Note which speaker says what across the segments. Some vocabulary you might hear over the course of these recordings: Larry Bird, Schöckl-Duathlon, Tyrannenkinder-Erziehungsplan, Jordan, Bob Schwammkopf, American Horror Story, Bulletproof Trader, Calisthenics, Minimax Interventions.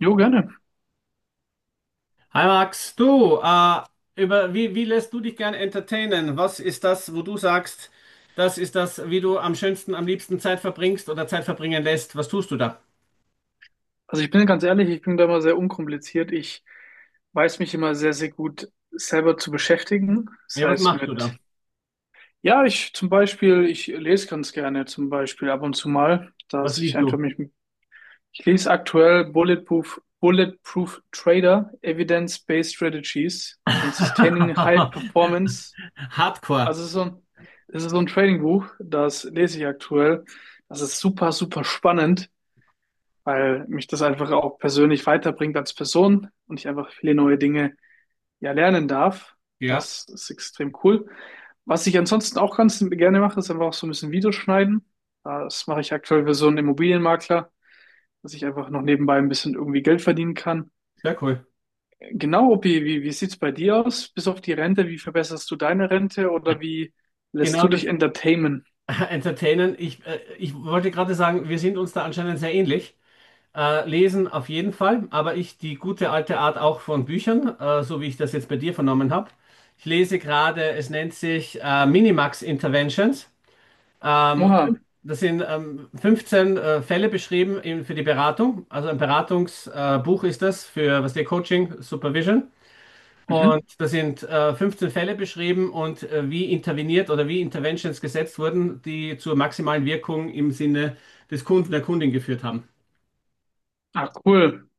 Speaker 1: Jo, gerne.
Speaker 2: Hi Max, du, über, wie lässt du dich gern entertainen? Was ist das, wo du sagst, das ist das, wie du am schönsten, am liebsten Zeit verbringst oder Zeit verbringen lässt? Was tust du da?
Speaker 1: Also ich bin ganz ehrlich, ich bin da immer sehr unkompliziert. Ich weiß mich immer sehr, sehr gut selber zu beschäftigen. Das
Speaker 2: Ja, was
Speaker 1: heißt
Speaker 2: machst du
Speaker 1: mit,
Speaker 2: da?
Speaker 1: ja, ich lese ganz gerne zum Beispiel ab und zu mal,
Speaker 2: Was
Speaker 1: dass ich
Speaker 2: liest
Speaker 1: einfach
Speaker 2: du?
Speaker 1: mich, ich lese aktuell Bulletproof, Bulletproof Trader, Evidence-Based Strategies and Sustaining High
Speaker 2: Hardcore.
Speaker 1: Performance. Also es ist so ein, es ist so ein Trading-Buch, das lese ich aktuell. Das ist super, super spannend, weil mich das einfach auch persönlich weiterbringt als Person und ich einfach viele neue Dinge ja lernen darf.
Speaker 2: Ja,
Speaker 1: Das ist extrem cool. Was ich ansonsten auch ganz gerne mache, ist einfach auch so ein bisschen Videos schneiden. Das mache ich aktuell für so einen Immobilienmakler, dass ich einfach noch nebenbei ein bisschen irgendwie Geld verdienen kann.
Speaker 2: sehr cool.
Speaker 1: Genau, Opi, wie sieht's bei dir aus? Bis auf die Rente, wie verbesserst du deine Rente oder wie lässt
Speaker 2: Genau
Speaker 1: du dich
Speaker 2: das.
Speaker 1: entertainen?
Speaker 2: Entertainen. Ich wollte gerade sagen, wir sind uns da anscheinend sehr ähnlich. Lesen auf jeden Fall, aber ich die gute alte Art auch von Büchern, so wie ich das jetzt bei dir vernommen habe. Ich lese gerade, es nennt sich Minimax Interventions. Ähm,
Speaker 1: Oha.
Speaker 2: Das sind 15 Fälle beschrieben in, für die Beratung. Also ein Beratungsbuch Buch ist das für, was der Coaching, Supervision. Und
Speaker 1: Mhm.
Speaker 2: da sind 15 Fälle beschrieben und wie interveniert oder wie Interventions gesetzt wurden, die zur maximalen Wirkung im Sinne des Kunden, der Kundin geführt haben.
Speaker 1: Ah, cool.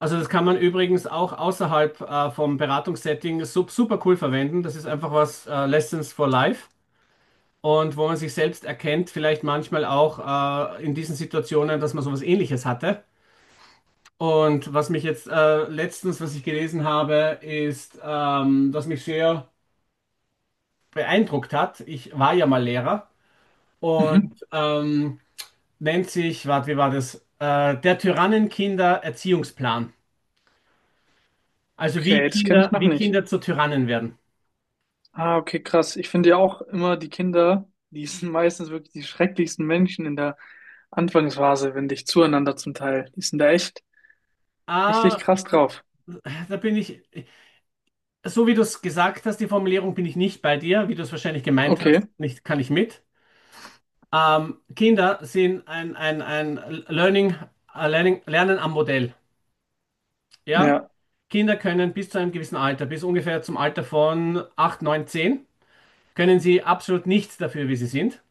Speaker 2: Also das kann man übrigens auch außerhalb vom Beratungssetting super cool verwenden. Das ist einfach was, Lessons for Life, und wo man sich selbst erkennt, vielleicht manchmal auch in diesen Situationen, dass man sowas Ähnliches hatte. Und was mich jetzt letztens, was ich gelesen habe, ist, was mich sehr beeindruckt hat. Ich war ja mal Lehrer und
Speaker 1: Mhm.
Speaker 2: nennt sich, warte, wie war das? Der Tyrannenkinder-Erziehungsplan. Also
Speaker 1: Okay, das kenne ich noch
Speaker 2: Wie
Speaker 1: nicht.
Speaker 2: Kinder zu Tyrannen werden.
Speaker 1: Ah, okay, krass. Ich finde ja auch immer die Kinder, die sind meistens wirklich die schrecklichsten Menschen in der Anfangsphase, wenn dich zueinander zum Teil. Die sind da echt richtig
Speaker 2: Ah,
Speaker 1: krass drauf.
Speaker 2: da bin ich, so wie du es gesagt hast, die Formulierung bin ich nicht bei dir, wie du es wahrscheinlich gemeint hast,
Speaker 1: Okay,
Speaker 2: nicht, kann ich mit. Kinder sind ein Learning, Lernen am Modell. Ja?
Speaker 1: ja.
Speaker 2: Kinder können bis zu einem gewissen Alter, bis ungefähr zum Alter von 8 9 10, können sie absolut nichts dafür, wie sie sind.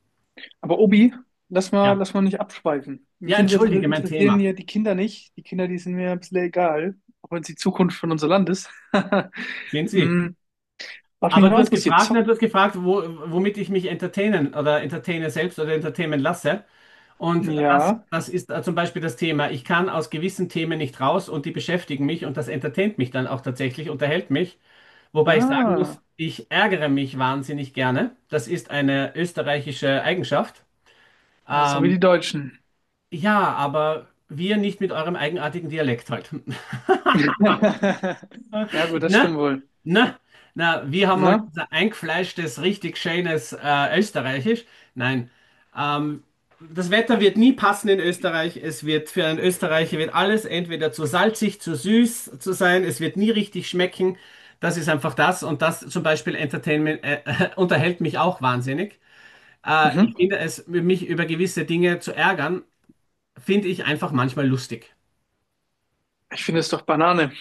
Speaker 1: Aber Obi,
Speaker 2: Ja.
Speaker 1: lass mal nicht abschweifen.
Speaker 2: Ja,
Speaker 1: Mich
Speaker 2: entschuldige, mein
Speaker 1: interessieren
Speaker 2: Thema.
Speaker 1: ja die Kinder nicht. Die Kinder, die sind mir ein bisschen egal, auch wenn es die Zukunft von unser Land ist.
Speaker 2: Sehen Sie.
Speaker 1: Hm, was mich
Speaker 2: Aber du
Speaker 1: noch
Speaker 2: hast
Speaker 1: interessiert,
Speaker 2: gefragt, nein,
Speaker 1: zock.
Speaker 2: du hast gefragt, wo, womit ich mich entertainen oder entertaine selbst oder entertainen lasse. Und das,
Speaker 1: Ja.
Speaker 2: das ist zum Beispiel das Thema. Ich kann aus gewissen Themen nicht raus und die beschäftigen mich und das entertaint mich dann auch tatsächlich, unterhält mich. Wobei ich sagen muss,
Speaker 1: Ah,
Speaker 2: ich ärgere mich wahnsinnig gerne. Das ist eine österreichische Eigenschaft.
Speaker 1: ja, so wie
Speaker 2: Ähm,
Speaker 1: die Deutschen.
Speaker 2: ja, aber wir nicht mit eurem eigenartigen Dialekt halt.
Speaker 1: Ja, gut, das
Speaker 2: Na,
Speaker 1: stimmt wohl.
Speaker 2: na, na, wir haben halt
Speaker 1: Ne?
Speaker 2: unser eingefleischtes, richtig schönes Österreichisch. Nein, ähm, das Wetter wird nie passen in Österreich. Es wird für einen Österreicher wird alles entweder zu salzig, zu süß zu sein. Es wird nie richtig schmecken. Das ist einfach das. Und das zum Beispiel Entertainment, unterhält mich auch wahnsinnig. Ich
Speaker 1: Mhm.
Speaker 2: finde es, mich über gewisse Dinge zu ärgern, finde ich einfach manchmal lustig.
Speaker 1: Ich finde es doch Banane.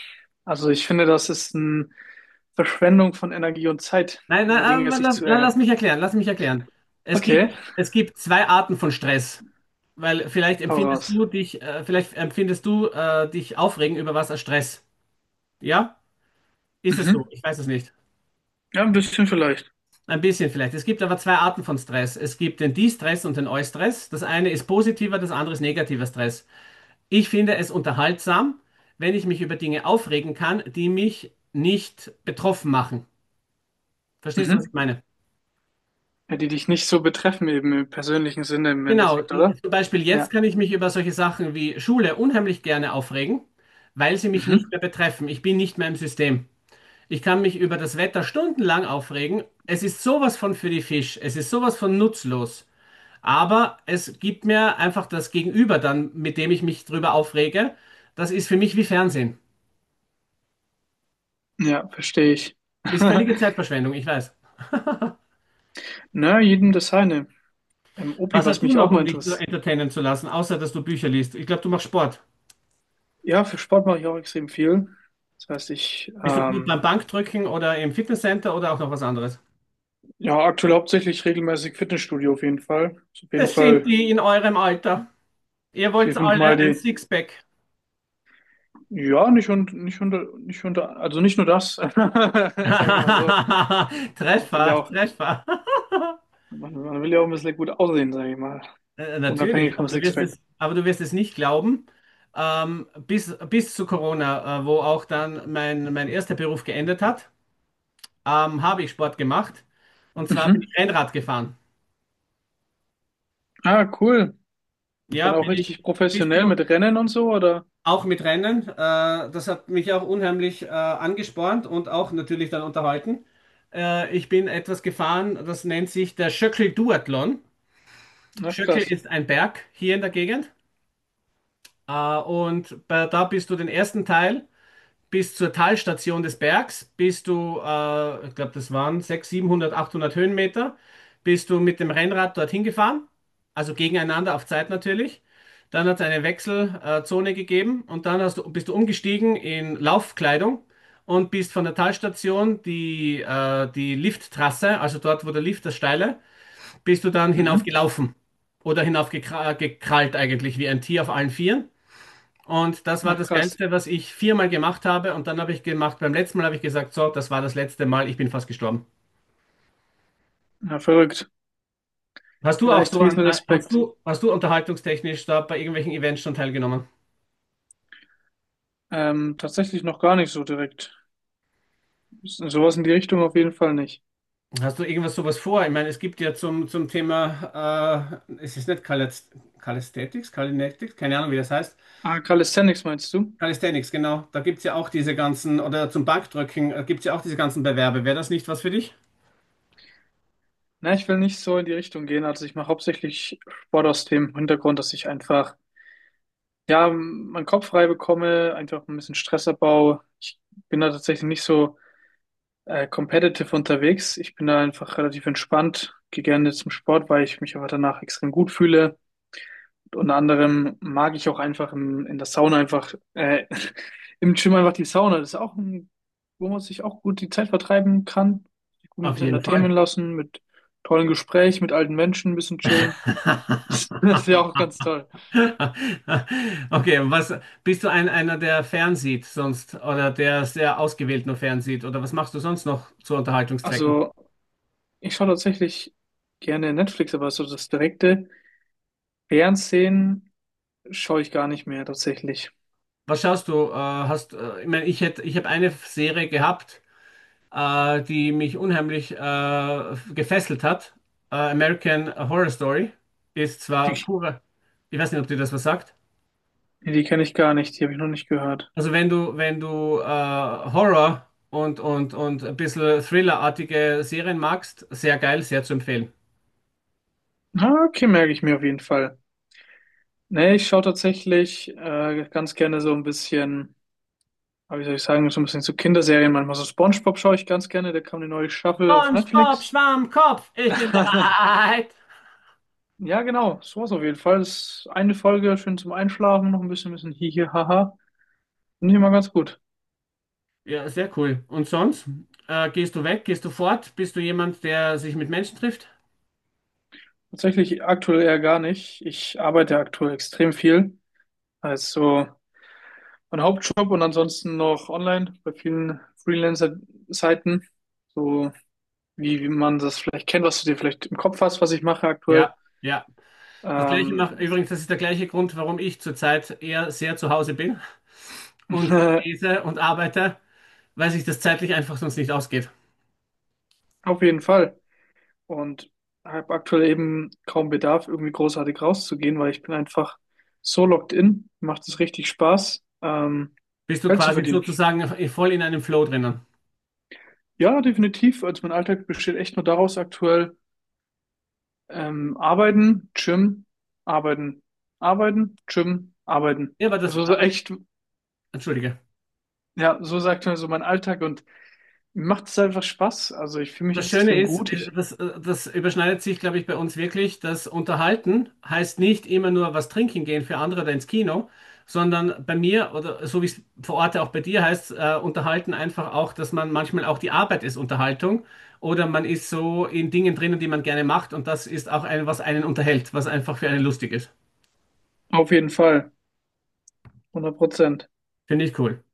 Speaker 1: Also ich finde, das ist eine Verschwendung von Energie und Zeit,
Speaker 2: Nein, nein,
Speaker 1: über Dinge
Speaker 2: aber
Speaker 1: sich zu
Speaker 2: lass
Speaker 1: ärgern.
Speaker 2: mich erklären, lass mich erklären. Es gibt,
Speaker 1: Okay,
Speaker 2: es gibt zwei Arten von Stress, weil vielleicht
Speaker 1: hau
Speaker 2: empfindest
Speaker 1: raus.
Speaker 2: du dich, vielleicht empfindest du dich aufregen über was als Stress. Ja? Ist es so?
Speaker 1: Mhm.
Speaker 2: Ich weiß es nicht.
Speaker 1: Ja, ein bisschen vielleicht.
Speaker 2: Ein bisschen vielleicht. Es gibt aber zwei Arten von Stress. Es gibt den De-Stress und den Eu-Stress. Das eine ist positiver, das andere ist negativer Stress. Ich finde es unterhaltsam, wenn ich mich über Dinge aufregen kann, die mich nicht betroffen machen. Verstehst du, was ich
Speaker 1: Mhm.
Speaker 2: meine?
Speaker 1: Ja, die dich nicht so betreffen, eben im persönlichen Sinne im
Speaker 2: Genau,
Speaker 1: Endeffekt, oder?
Speaker 2: zum Beispiel jetzt
Speaker 1: Ja.
Speaker 2: kann ich mich über solche Sachen wie Schule unheimlich gerne aufregen, weil sie mich nicht
Speaker 1: Mhm.
Speaker 2: mehr betreffen. Ich bin nicht mehr im System. Ich kann mich über das Wetter stundenlang aufregen. Es ist sowas von für die Fisch. Es ist sowas von nutzlos. Aber es gibt mir einfach das Gegenüber dann, mit dem ich mich drüber aufrege. Das ist für mich wie Fernsehen.
Speaker 1: Ja, verstehe ich.
Speaker 2: Ist völlige Zeitverschwendung, ich weiß.
Speaker 1: Na, jedem das seine. Opi,
Speaker 2: Was hast
Speaker 1: was
Speaker 2: du
Speaker 1: mich auch
Speaker 2: noch,
Speaker 1: mal
Speaker 2: um dich zu
Speaker 1: interessiert.
Speaker 2: entertainen zu lassen, außer dass du Bücher liest? Ich glaube, du machst Sport.
Speaker 1: Ja, für Sport mache ich auch extrem viel. Das heißt,
Speaker 2: Bist du gut beim Bankdrücken oder im Fitnesscenter oder auch noch was anderes?
Speaker 1: ja, aktuell hauptsächlich regelmäßig Fitnessstudio auf jeden Fall. Ist auf jeden
Speaker 2: Das sind
Speaker 1: Fall
Speaker 2: die in eurem Alter. Ihr
Speaker 1: vier,
Speaker 2: wollt
Speaker 1: fünf Mal
Speaker 2: alle ein
Speaker 1: die
Speaker 2: Sixpack.
Speaker 1: Ja, nicht unter, also nicht nur das, sage ich mal so. Man will
Speaker 2: Treffer,
Speaker 1: ja auch,
Speaker 2: Treffer.
Speaker 1: man will ja auch ein bisschen gut aussehen, sage ich mal. Unabhängig
Speaker 2: Natürlich,
Speaker 1: vom
Speaker 2: aber du wirst
Speaker 1: Sixpack.
Speaker 2: es, aber du wirst es nicht glauben. Bis zu Corona, wo auch dann mein erster Beruf geendet hat, habe ich Sport gemacht. Und zwar bin ich
Speaker 1: Mhm.
Speaker 2: Rennrad gefahren.
Speaker 1: Ah, cool.
Speaker 2: Ja,
Speaker 1: Dann auch
Speaker 2: bin ich
Speaker 1: richtig
Speaker 2: bis
Speaker 1: professionell mit
Speaker 2: zu,
Speaker 1: Rennen und so, oder?
Speaker 2: auch mit Rennen. Das hat mich auch unheimlich angespornt und auch natürlich dann unterhalten. Ich bin etwas gefahren, das nennt sich der Schöckl-Duathlon.
Speaker 1: Ach,
Speaker 2: Schöckl
Speaker 1: krass.
Speaker 2: ist ein Berg hier in der Gegend. Da bist du den ersten Teil bis zur Talstation des Bergs bist du, ich glaube, das waren 600, 700, 800 Höhenmeter, bist du mit dem Rennrad dorthin gefahren, also gegeneinander auf Zeit natürlich. Dann hat es eine Wechselzone Zone gegeben und dann hast du, bist du umgestiegen in Laufkleidung und bist von der Talstation die, die Lifttrasse, also dort, wo der Lift, das Steile, bist du dann
Speaker 1: Mhm.
Speaker 2: hinaufgelaufen oder hinaufgekrallt eigentlich wie ein Tier auf allen Vieren. Und das war
Speaker 1: Ach,
Speaker 2: das
Speaker 1: krass.
Speaker 2: Geilste, was ich viermal gemacht habe. Und dann habe ich gemacht, beim letzten Mal habe ich gesagt, so, das war das letzte Mal, ich bin fast gestorben.
Speaker 1: Ja, verrückt.
Speaker 2: Hast
Speaker 1: Ja,
Speaker 2: du
Speaker 1: da
Speaker 2: auch
Speaker 1: echt
Speaker 2: so
Speaker 1: riesen
Speaker 2: an,
Speaker 1: Respekt.
Speaker 2: hast du unterhaltungstechnisch da bei irgendwelchen Events schon teilgenommen?
Speaker 1: Tatsächlich noch gar nicht so direkt. Sowas in die Richtung auf jeden Fall nicht.
Speaker 2: Hast du irgendwas sowas vor? Ich meine, es gibt ja zum, zum Thema, es ist nicht Calisthetics, Kalinetics, keine Ahnung, wie das heißt.
Speaker 1: Ah, Calisthenics meinst du?
Speaker 2: Calisthenics, genau. Da gibt es ja auch diese ganzen, oder zum Bankdrücken gibt es ja auch diese ganzen Bewerbe. Wäre das nicht was für dich?
Speaker 1: Na, ich will nicht so in die Richtung gehen. Also ich mache hauptsächlich Sport aus dem Hintergrund, dass ich einfach ja, meinen Kopf frei bekomme, einfach ein bisschen Stressabbau. Ich bin da tatsächlich nicht so competitive unterwegs. Ich bin da einfach relativ entspannt, gehe gerne zum Sport, weil ich mich einfach danach extrem gut fühle. Unter anderem mag ich auch einfach in der Sauna einfach, im Gym einfach die Sauna. Das ist auch ein, wo man sich auch gut die Zeit vertreiben kann. Sich gut ein
Speaker 2: Auf
Speaker 1: bisschen
Speaker 2: jeden
Speaker 1: entertainen
Speaker 2: Fall.
Speaker 1: lassen, mit tollen Gesprächen, mit alten Menschen ein bisschen chillen. Das ist ja auch ganz toll.
Speaker 2: Okay, und was bist du ein, einer, der fernsieht sonst oder der sehr ausgewählt nur fernsieht oder was machst du sonst noch zu Unterhaltungszwecken?
Speaker 1: Also, ich schaue tatsächlich gerne Netflix, aber so das direkte Fernsehen schaue ich gar nicht mehr tatsächlich.
Speaker 2: Was schaust du? Ich meine, ich hätte, ich habe eine Serie gehabt, die mich unheimlich gefesselt hat. American Horror Story ist zwar
Speaker 1: Die,
Speaker 2: pure, ich weiß nicht, ob dir das was sagt.
Speaker 1: die kenne ich gar nicht, die habe ich noch nicht gehört.
Speaker 2: Also wenn du Horror und ein bisschen Thriller-artige Serien magst, sehr geil, sehr zu empfehlen.
Speaker 1: Ah, okay, merke ich mir auf jeden Fall. Nee, ich schaue tatsächlich ganz gerne so ein bisschen, ah, wie soll ich sagen, so ein bisschen zu Kinderserien. Manchmal so SpongeBob schaue ich ganz gerne, da kam eine neue Staffel auf
Speaker 2: Und Bob
Speaker 1: Netflix.
Speaker 2: Schwammkopf, ich bin bereit.
Speaker 1: Ja, genau, sowas auf jeden Fall. Das ist eine Folge, schön zum Einschlafen, noch ein bisschen, bisschen hihi, haha. Finde ich immer ganz gut.
Speaker 2: Ja, sehr cool. Und sonst? Gehst du weg? Gehst du fort? Bist du jemand, der sich mit Menschen trifft?
Speaker 1: Tatsächlich aktuell eher gar nicht. Ich arbeite aktuell extrem viel. Also mein Hauptjob und ansonsten noch online bei vielen Freelancer-Seiten. So wie man das vielleicht kennt, was du dir vielleicht im Kopf hast, was ich mache aktuell.
Speaker 2: Ja, ja. Das gleiche macht
Speaker 1: Ähm,
Speaker 2: übrigens, das ist der gleiche Grund, warum ich zurzeit eher sehr zu Hause bin und lese und arbeite, weil sich das zeitlich einfach sonst nicht ausgeht.
Speaker 1: auf jeden Fall. Und habe aktuell eben kaum Bedarf, irgendwie großartig rauszugehen, weil ich bin einfach so locked in. Macht es richtig Spaß,
Speaker 2: Bist du
Speaker 1: Geld zu
Speaker 2: quasi
Speaker 1: verdienen.
Speaker 2: sozusagen voll in einem Flow drinnen?
Speaker 1: Ja, definitiv. Also mein Alltag besteht echt nur daraus aktuell. Arbeiten, Gym, arbeiten, arbeiten, Gym, arbeiten.
Speaker 2: Ja, aber das,
Speaker 1: So
Speaker 2: aber,
Speaker 1: echt,
Speaker 2: entschuldige.
Speaker 1: ja, so sagt mir so mein Alltag und mir macht es einfach Spaß. Also ich fühle mich
Speaker 2: Das Schöne
Speaker 1: extrem
Speaker 2: ist,
Speaker 1: gut. Ich,
Speaker 2: das überschneidet sich, glaube ich, bei uns wirklich, dass Unterhalten heißt nicht immer nur was trinken gehen für andere oder ins Kino, sondern bei mir oder so wie es vor Ort auch bei dir heißt, Unterhalten einfach auch, dass man manchmal auch die Arbeit ist Unterhaltung oder man ist so in Dingen drinnen, die man gerne macht und das ist auch ein, was einen unterhält, was einfach für einen lustig ist.
Speaker 1: auf jeden Fall, 100%.
Speaker 2: Finde ich cool.